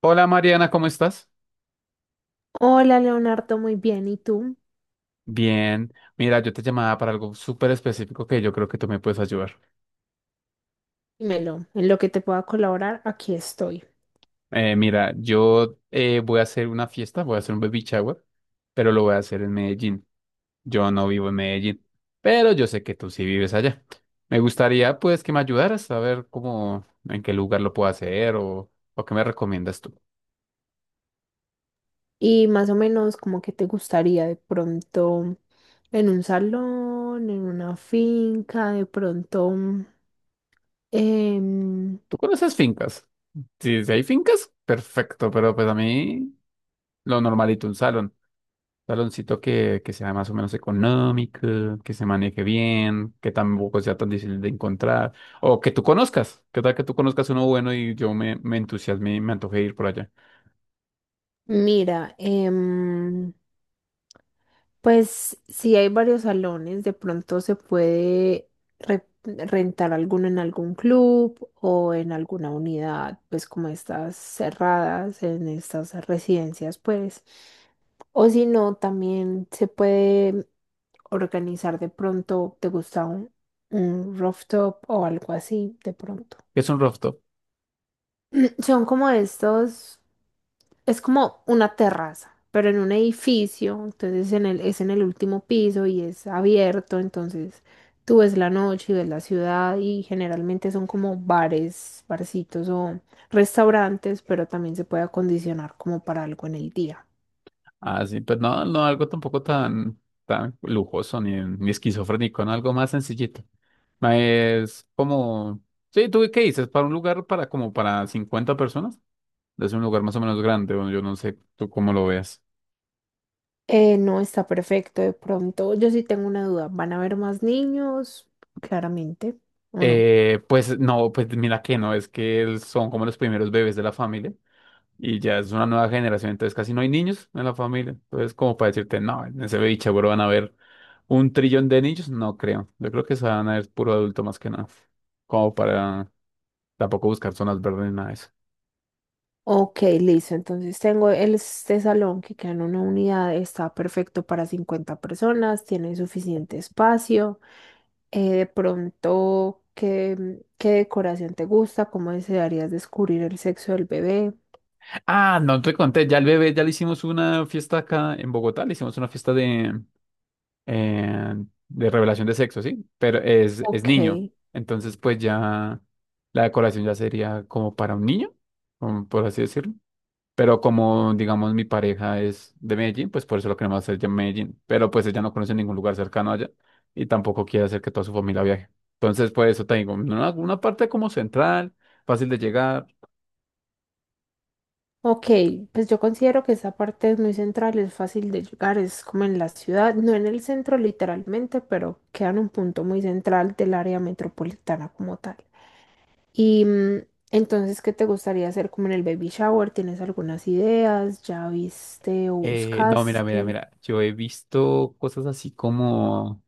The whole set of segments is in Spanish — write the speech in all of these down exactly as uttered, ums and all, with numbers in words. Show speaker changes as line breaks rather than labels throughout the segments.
Hola Mariana, ¿cómo estás?
Hola Leonardo, muy bien. ¿Y tú?
Bien, mira, yo te llamaba para algo súper específico que yo creo que tú me puedes ayudar.
Dímelo, en lo que te pueda colaborar, aquí estoy.
Eh, mira, yo eh, voy a hacer una fiesta, voy a hacer un baby shower, pero lo voy a hacer en Medellín. Yo no vivo en Medellín, pero yo sé que tú sí vives allá. Me gustaría pues que me ayudaras a ver cómo, en qué lugar lo puedo hacer o, o qué me recomiendas tú.
Y más o menos, como que te gustaría de pronto en un salón, en una finca, ¿de pronto? mm, em,
¿Tú conoces fincas? Si, si hay fincas, perfecto, pero pues a mí lo normalito, un salón. Saloncito que, que sea más o menos económico, que se maneje bien, que tampoco sea tan difícil de encontrar, o que tú conozcas, que tal que tú conozcas uno bueno y yo me, me entusiasme y me antoje ir por allá.
Mira, em, pues si hay varios salones, de pronto se puede re- rentar alguno en algún club o en alguna unidad, pues como estas cerradas, en estas residencias, pues. O si no, también se puede organizar de pronto, ¿te gusta un, un rooftop o algo así de pronto?
¿Qué es un rooftop?
Son como estos. Es como una terraza, pero en un edificio, entonces en el, es en el último piso y es abierto, entonces tú ves la noche y ves la ciudad y generalmente son como bares, barcitos o restaurantes, pero también se puede acondicionar como para algo en el día.
Ah, sí, pero no, no algo tampoco tan, tan lujoso ni, ni esquizofrénico, no, algo más sencillito. Ma, es como, sí, ¿tú qué dices? Para un lugar para como para cincuenta personas, es un lugar más o menos grande, bueno, yo no sé tú cómo lo veas.
Eh, no, está perfecto, de pronto yo sí tengo una duda, ¿van a haber más niños? Claramente, ¿o no?
Eh, pues no, pues mira que no, es que él- son como los primeros bebés de la familia y ya es una nueva generación, entonces casi no hay niños en la familia. Entonces, como para decirte, no, en ese baby seguro van a haber un trillón de niños, no creo. Yo creo que se van a ver puro adulto más que nada, como para tampoco buscar zonas verdes ni nada de eso.
Ok, listo. Entonces tengo el- este salón que queda en una unidad, está perfecto para cincuenta personas, tiene suficiente espacio. Eh, de pronto, ¿qué, mm, qué decoración te gusta? ¿Cómo desearías descubrir el sexo del bebé?
Ah, no te conté, ya el bebé, ya le hicimos una fiesta acá en Bogotá, le hicimos una fiesta de eh, de revelación de sexo, ¿sí? Pero es, es
Ok,
niño. Entonces, pues ya la decoración ya sería como para un niño, como por así decirlo. Pero como, digamos, mi pareja es de Medellín, pues por eso lo queremos hacer ya en Medellín. Pero pues ella no conoce ningún lugar cercano allá y tampoco quiere hacer que toda su familia viaje. Entonces, pues eso te digo, una, una parte como central, fácil de llegar.
ok. Pues yo considero que esa parte es muy central, es fácil de llegar, es como en la ciudad, no en el centro literalmente, pero queda en un punto muy central del área metropolitana como tal. Y mm, entonces, ¿qué te gustaría hacer como en el baby shower? ¿Tienes algunas ideas? ¿Ya viste o
Eh, no, mira, mira,
buscaste?
mira, yo he visto cosas así como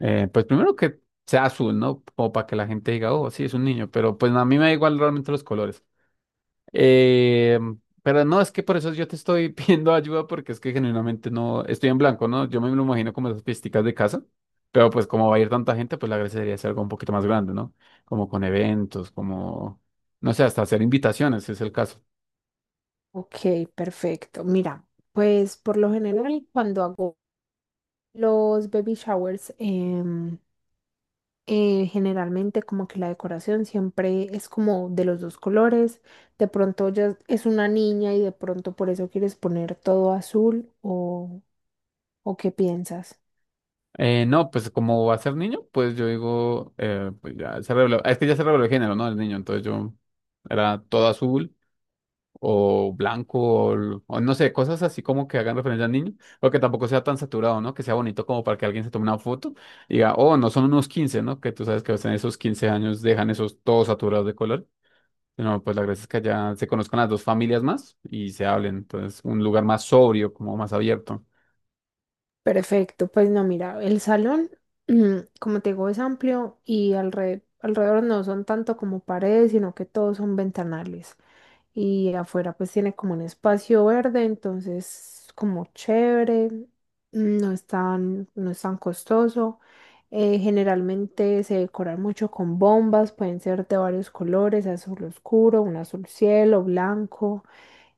Eh, pues primero que sea azul, ¿no? Como para que la gente diga, oh, sí, es un niño, pero pues a mí me da igual realmente los colores. Eh, pero no, es que por eso yo te estoy pidiendo ayuda porque es que genuinamente no, estoy en blanco, ¿no? Yo me lo imagino como esas pisticas de casa, pero pues como va a ir tanta gente, pues la gracia sería hacer algo un poquito más grande, ¿no? Como con eventos, como, no sé, hasta hacer invitaciones, si es el caso.
Ok, perfecto. Mira, pues por lo general cuando hago los baby showers, em, eh, generalmente como que la decoración siempre es como de los dos colores. De pronto ya es una niña y de pronto por eso quieres poner todo azul o, ¿o qué piensas?
Eh, no, pues como va a ser niño, pues yo digo, eh, pues ya se reveló, es que ya se reveló el género, ¿no? El niño, entonces yo era todo azul, o blanco, o, o no sé, cosas así como que hagan referencia al niño, o que tampoco sea tan saturado, ¿no? Que sea bonito como para que alguien se tome una foto y diga, oh, no son unos quince, ¿no? Que tú sabes que en esos quince años dejan esos todos saturados de color. No, pues la gracia es que allá se conozcan las dos familias más y se hablen. Entonces, un lugar más sobrio, como más abierto.
Perfecto, pues no, mira, el salón, mm, como te digo, es amplio y alre- alrededor no son tanto como paredes, sino que todos son ventanales. Y afuera pues tiene como un espacio verde, entonces como chévere, mm, no es tan, no es tan costoso. Eh, generalmente se decoran mucho con bombas, pueden ser de varios colores, azul oscuro, un azul cielo, blanco.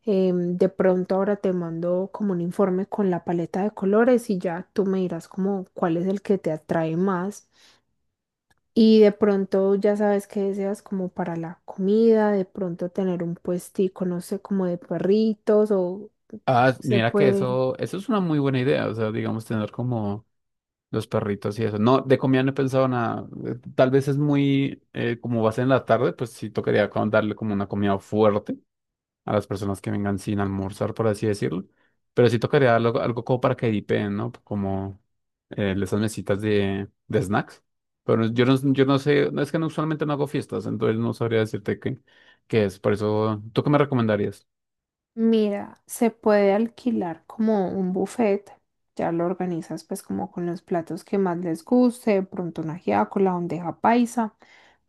Em, de pronto ahora te mando como un informe con la paleta de colores y ya tú me dirás como cuál es el que te atrae más. Y de pronto ya sabes qué deseas como para la comida, de pronto tener un puestico, no sé, como de perritos o
Ah,
se
mira que
puede,
eso, eso es una muy buena idea. O sea, digamos, tener como los perritos y eso. No, de comida no he pensado nada. Eh, Tal vez es muy, eh, como va a ser en la tarde, pues sí tocaría como darle como una comida fuerte a las personas que vengan sin almorzar, por así decirlo. Pero sí tocaría algo, algo como para que dipen, ¿no? Como eh, esas mesitas de, de snacks. Pero yo no, yo no sé, no, es que no, usualmente no hago fiestas, entonces no sabría decirte qué, qué es. Por eso, ¿tú qué me recomendarías?
mira, se puede alquilar como un buffet. Ya lo organizas pues como con los platos que más les guste, de pronto una ajiaco, la bandeja paisa.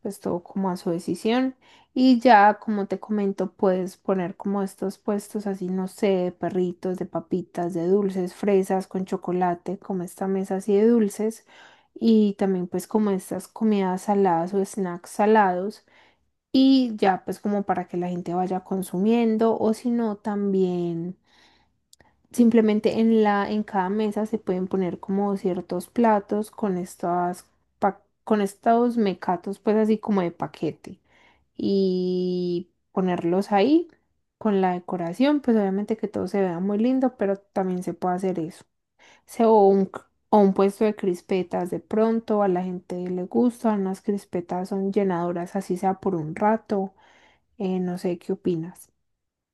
Pues todo como a su decisión. Y ya, como te comento, puedes poner como estos puestos así, no sé, de perritos, de papitas, de dulces, fresas con chocolate, como esta mesa así de dulces. Y también pues como estas comidas saladas o snacks salados. Y ya pues como para que la gente vaya consumiendo o si no también simplemente en la, en cada mesa se pueden poner como ciertos platos con estas, pa- con estos mecatos, pues así como de paquete. Y ponerlos ahí con la decoración, pues obviamente que todo se vea muy lindo, pero también se puede hacer eso. Se, o un, c- O un puesto de crispetas de pronto, a la gente le gustan, las crispetas son llenadoras, así sea por un rato. Eh, no sé, ¿qué opinas?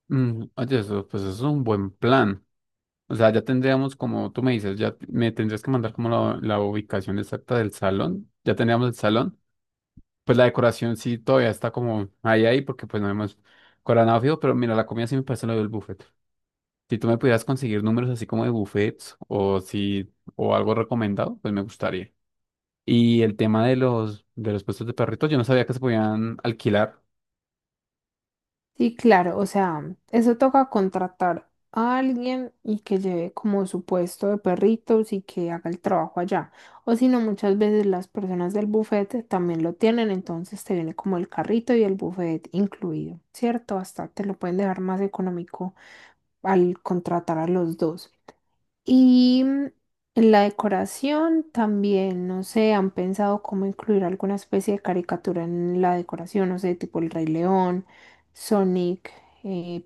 Mm, oye, eso, pues eso es un buen plan. O sea, ya tendríamos como, tú me dices, ya t- me tendrías que mandar como la, la ubicación exacta del salón. Ya tendríamos el salón. Pues la decoración sí todavía está como ahí, ahí, porque pues no hemos coronado fijo, pero mira, la comida sí me parece lo del buffet. Si tú me pudieras conseguir números así como de buffets o si, o algo recomendado, pues me gustaría. Y el tema de los, de los puestos de perritos, yo no sabía que se podían alquilar.
Sí, claro, o sea, eso toca contratar a alguien y que lleve como su puesto de perritos y que haga el trabajo allá. O si no, muchas veces las personas del buffet también lo tienen, entonces te viene como el carrito y el buffet incluido, ¿cierto? Hasta te lo pueden dejar más económico al contratar a los dos. Y mm, en la decoración también, no sé, han pensado cómo incluir alguna especie de caricatura en la decoración, no sé, tipo el Rey León, Sonic, eh,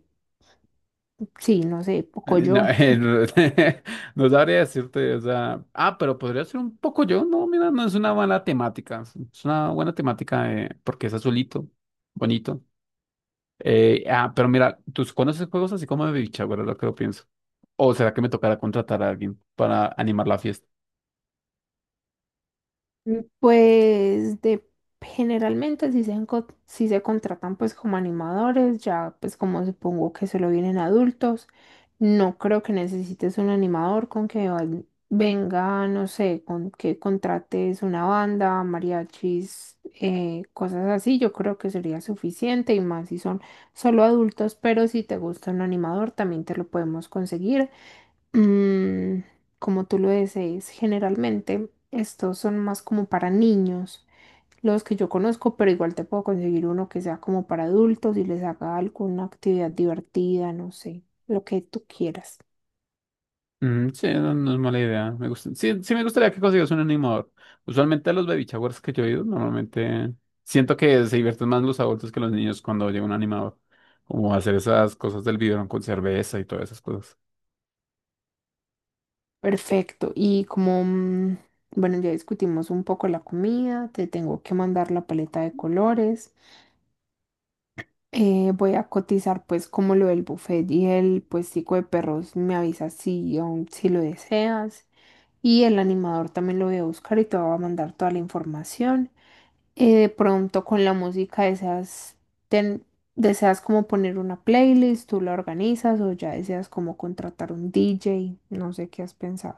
sí, no sé,
No,
Pocoyo.
Eh, No, el- no sabría decirte, o sea, ah, pero podría ser un poco yo, no, mira, no es una mala temática, es es una buena temática, eh, porque es azulito, bonito. Eh, ah, pero mira, ¿tú conoces juegos así como de bicha, verdad? Lo que lo pienso. ¿O será que me tocará contratar a alguien para animar la fiesta?
Mm, Pues de Generalmente si se, enco- si se contratan pues como animadores, ya pues como supongo que solo vienen adultos, no creo que necesites un animador con que val- venga, no sé, con que contrates una banda, mariachis, eh, cosas así, yo creo que sería suficiente y más si son solo adultos, pero si te gusta un animador también te lo podemos conseguir. Mm, Como tú lo desees, generalmente estos son más como para niños, los que yo conozco, pero igual te puedo conseguir uno que sea como para adultos y les haga alguna actividad divertida, no sé, lo que tú quieras.
Mm, sí, no, no es mala idea. Me gusta, sí, sí me gustaría que consigas un animador. Usualmente a los baby showers que yo he ido, normalmente siento que se divierten más los adultos que los niños cuando llega un animador. Como hacer esas cosas del biberón con cerveza y todas esas cosas.
Perfecto. Y como, mm, bueno, ya discutimos un poco la comida, te tengo que mandar la paleta de colores. Eh, voy a cotizar pues como lo del buffet y el puestico de perros, me avisas si, aún- si lo deseas. Y el animador también lo voy a buscar y te va a mandar toda la información. Eh, de pronto con la música deseas, ten- deseas como poner una playlist, tú la organizas o ya deseas como contratar un D J, no sé qué has pensado.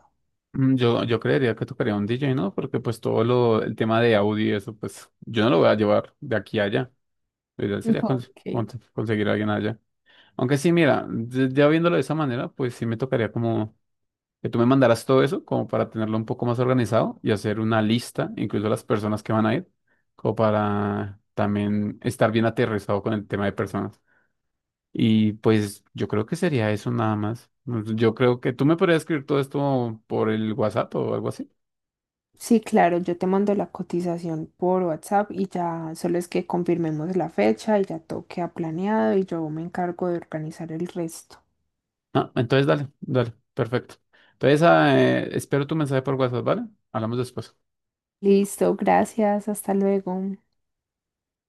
Mm, Yo, yo creería que tocaría un D J, ¿no? Porque pues todo lo, el tema de audio y eso, pues yo no lo voy a llevar de aquí a allá. Lo ideal sería cons-
Ok.
cons- conseguir a alguien allá. Aunque sí, mira, ya ya viéndolo de esa manera, pues sí me tocaría como que tú me mandaras todo eso como para tenerlo un poco más organizado y hacer una lista, incluso las personas que van a ir, como para también estar bien aterrizado con el tema de personas. Y pues yo creo que sería eso nada más. Pues, yo creo que tú me podrías escribir todo esto por el WhatsApp o algo así.
Sí, claro, yo te mando la cotización por WhatsApp y ya solo es que confirmemos la fecha y ya todo queda planeado y yo me encargo de organizar el resto.
Ah, entonces dale, dale, perfecto. Entonces, ah, eh, espero tu mensaje por WhatsApp, ¿vale? Hablamos después.
Listo, gracias, hasta luego.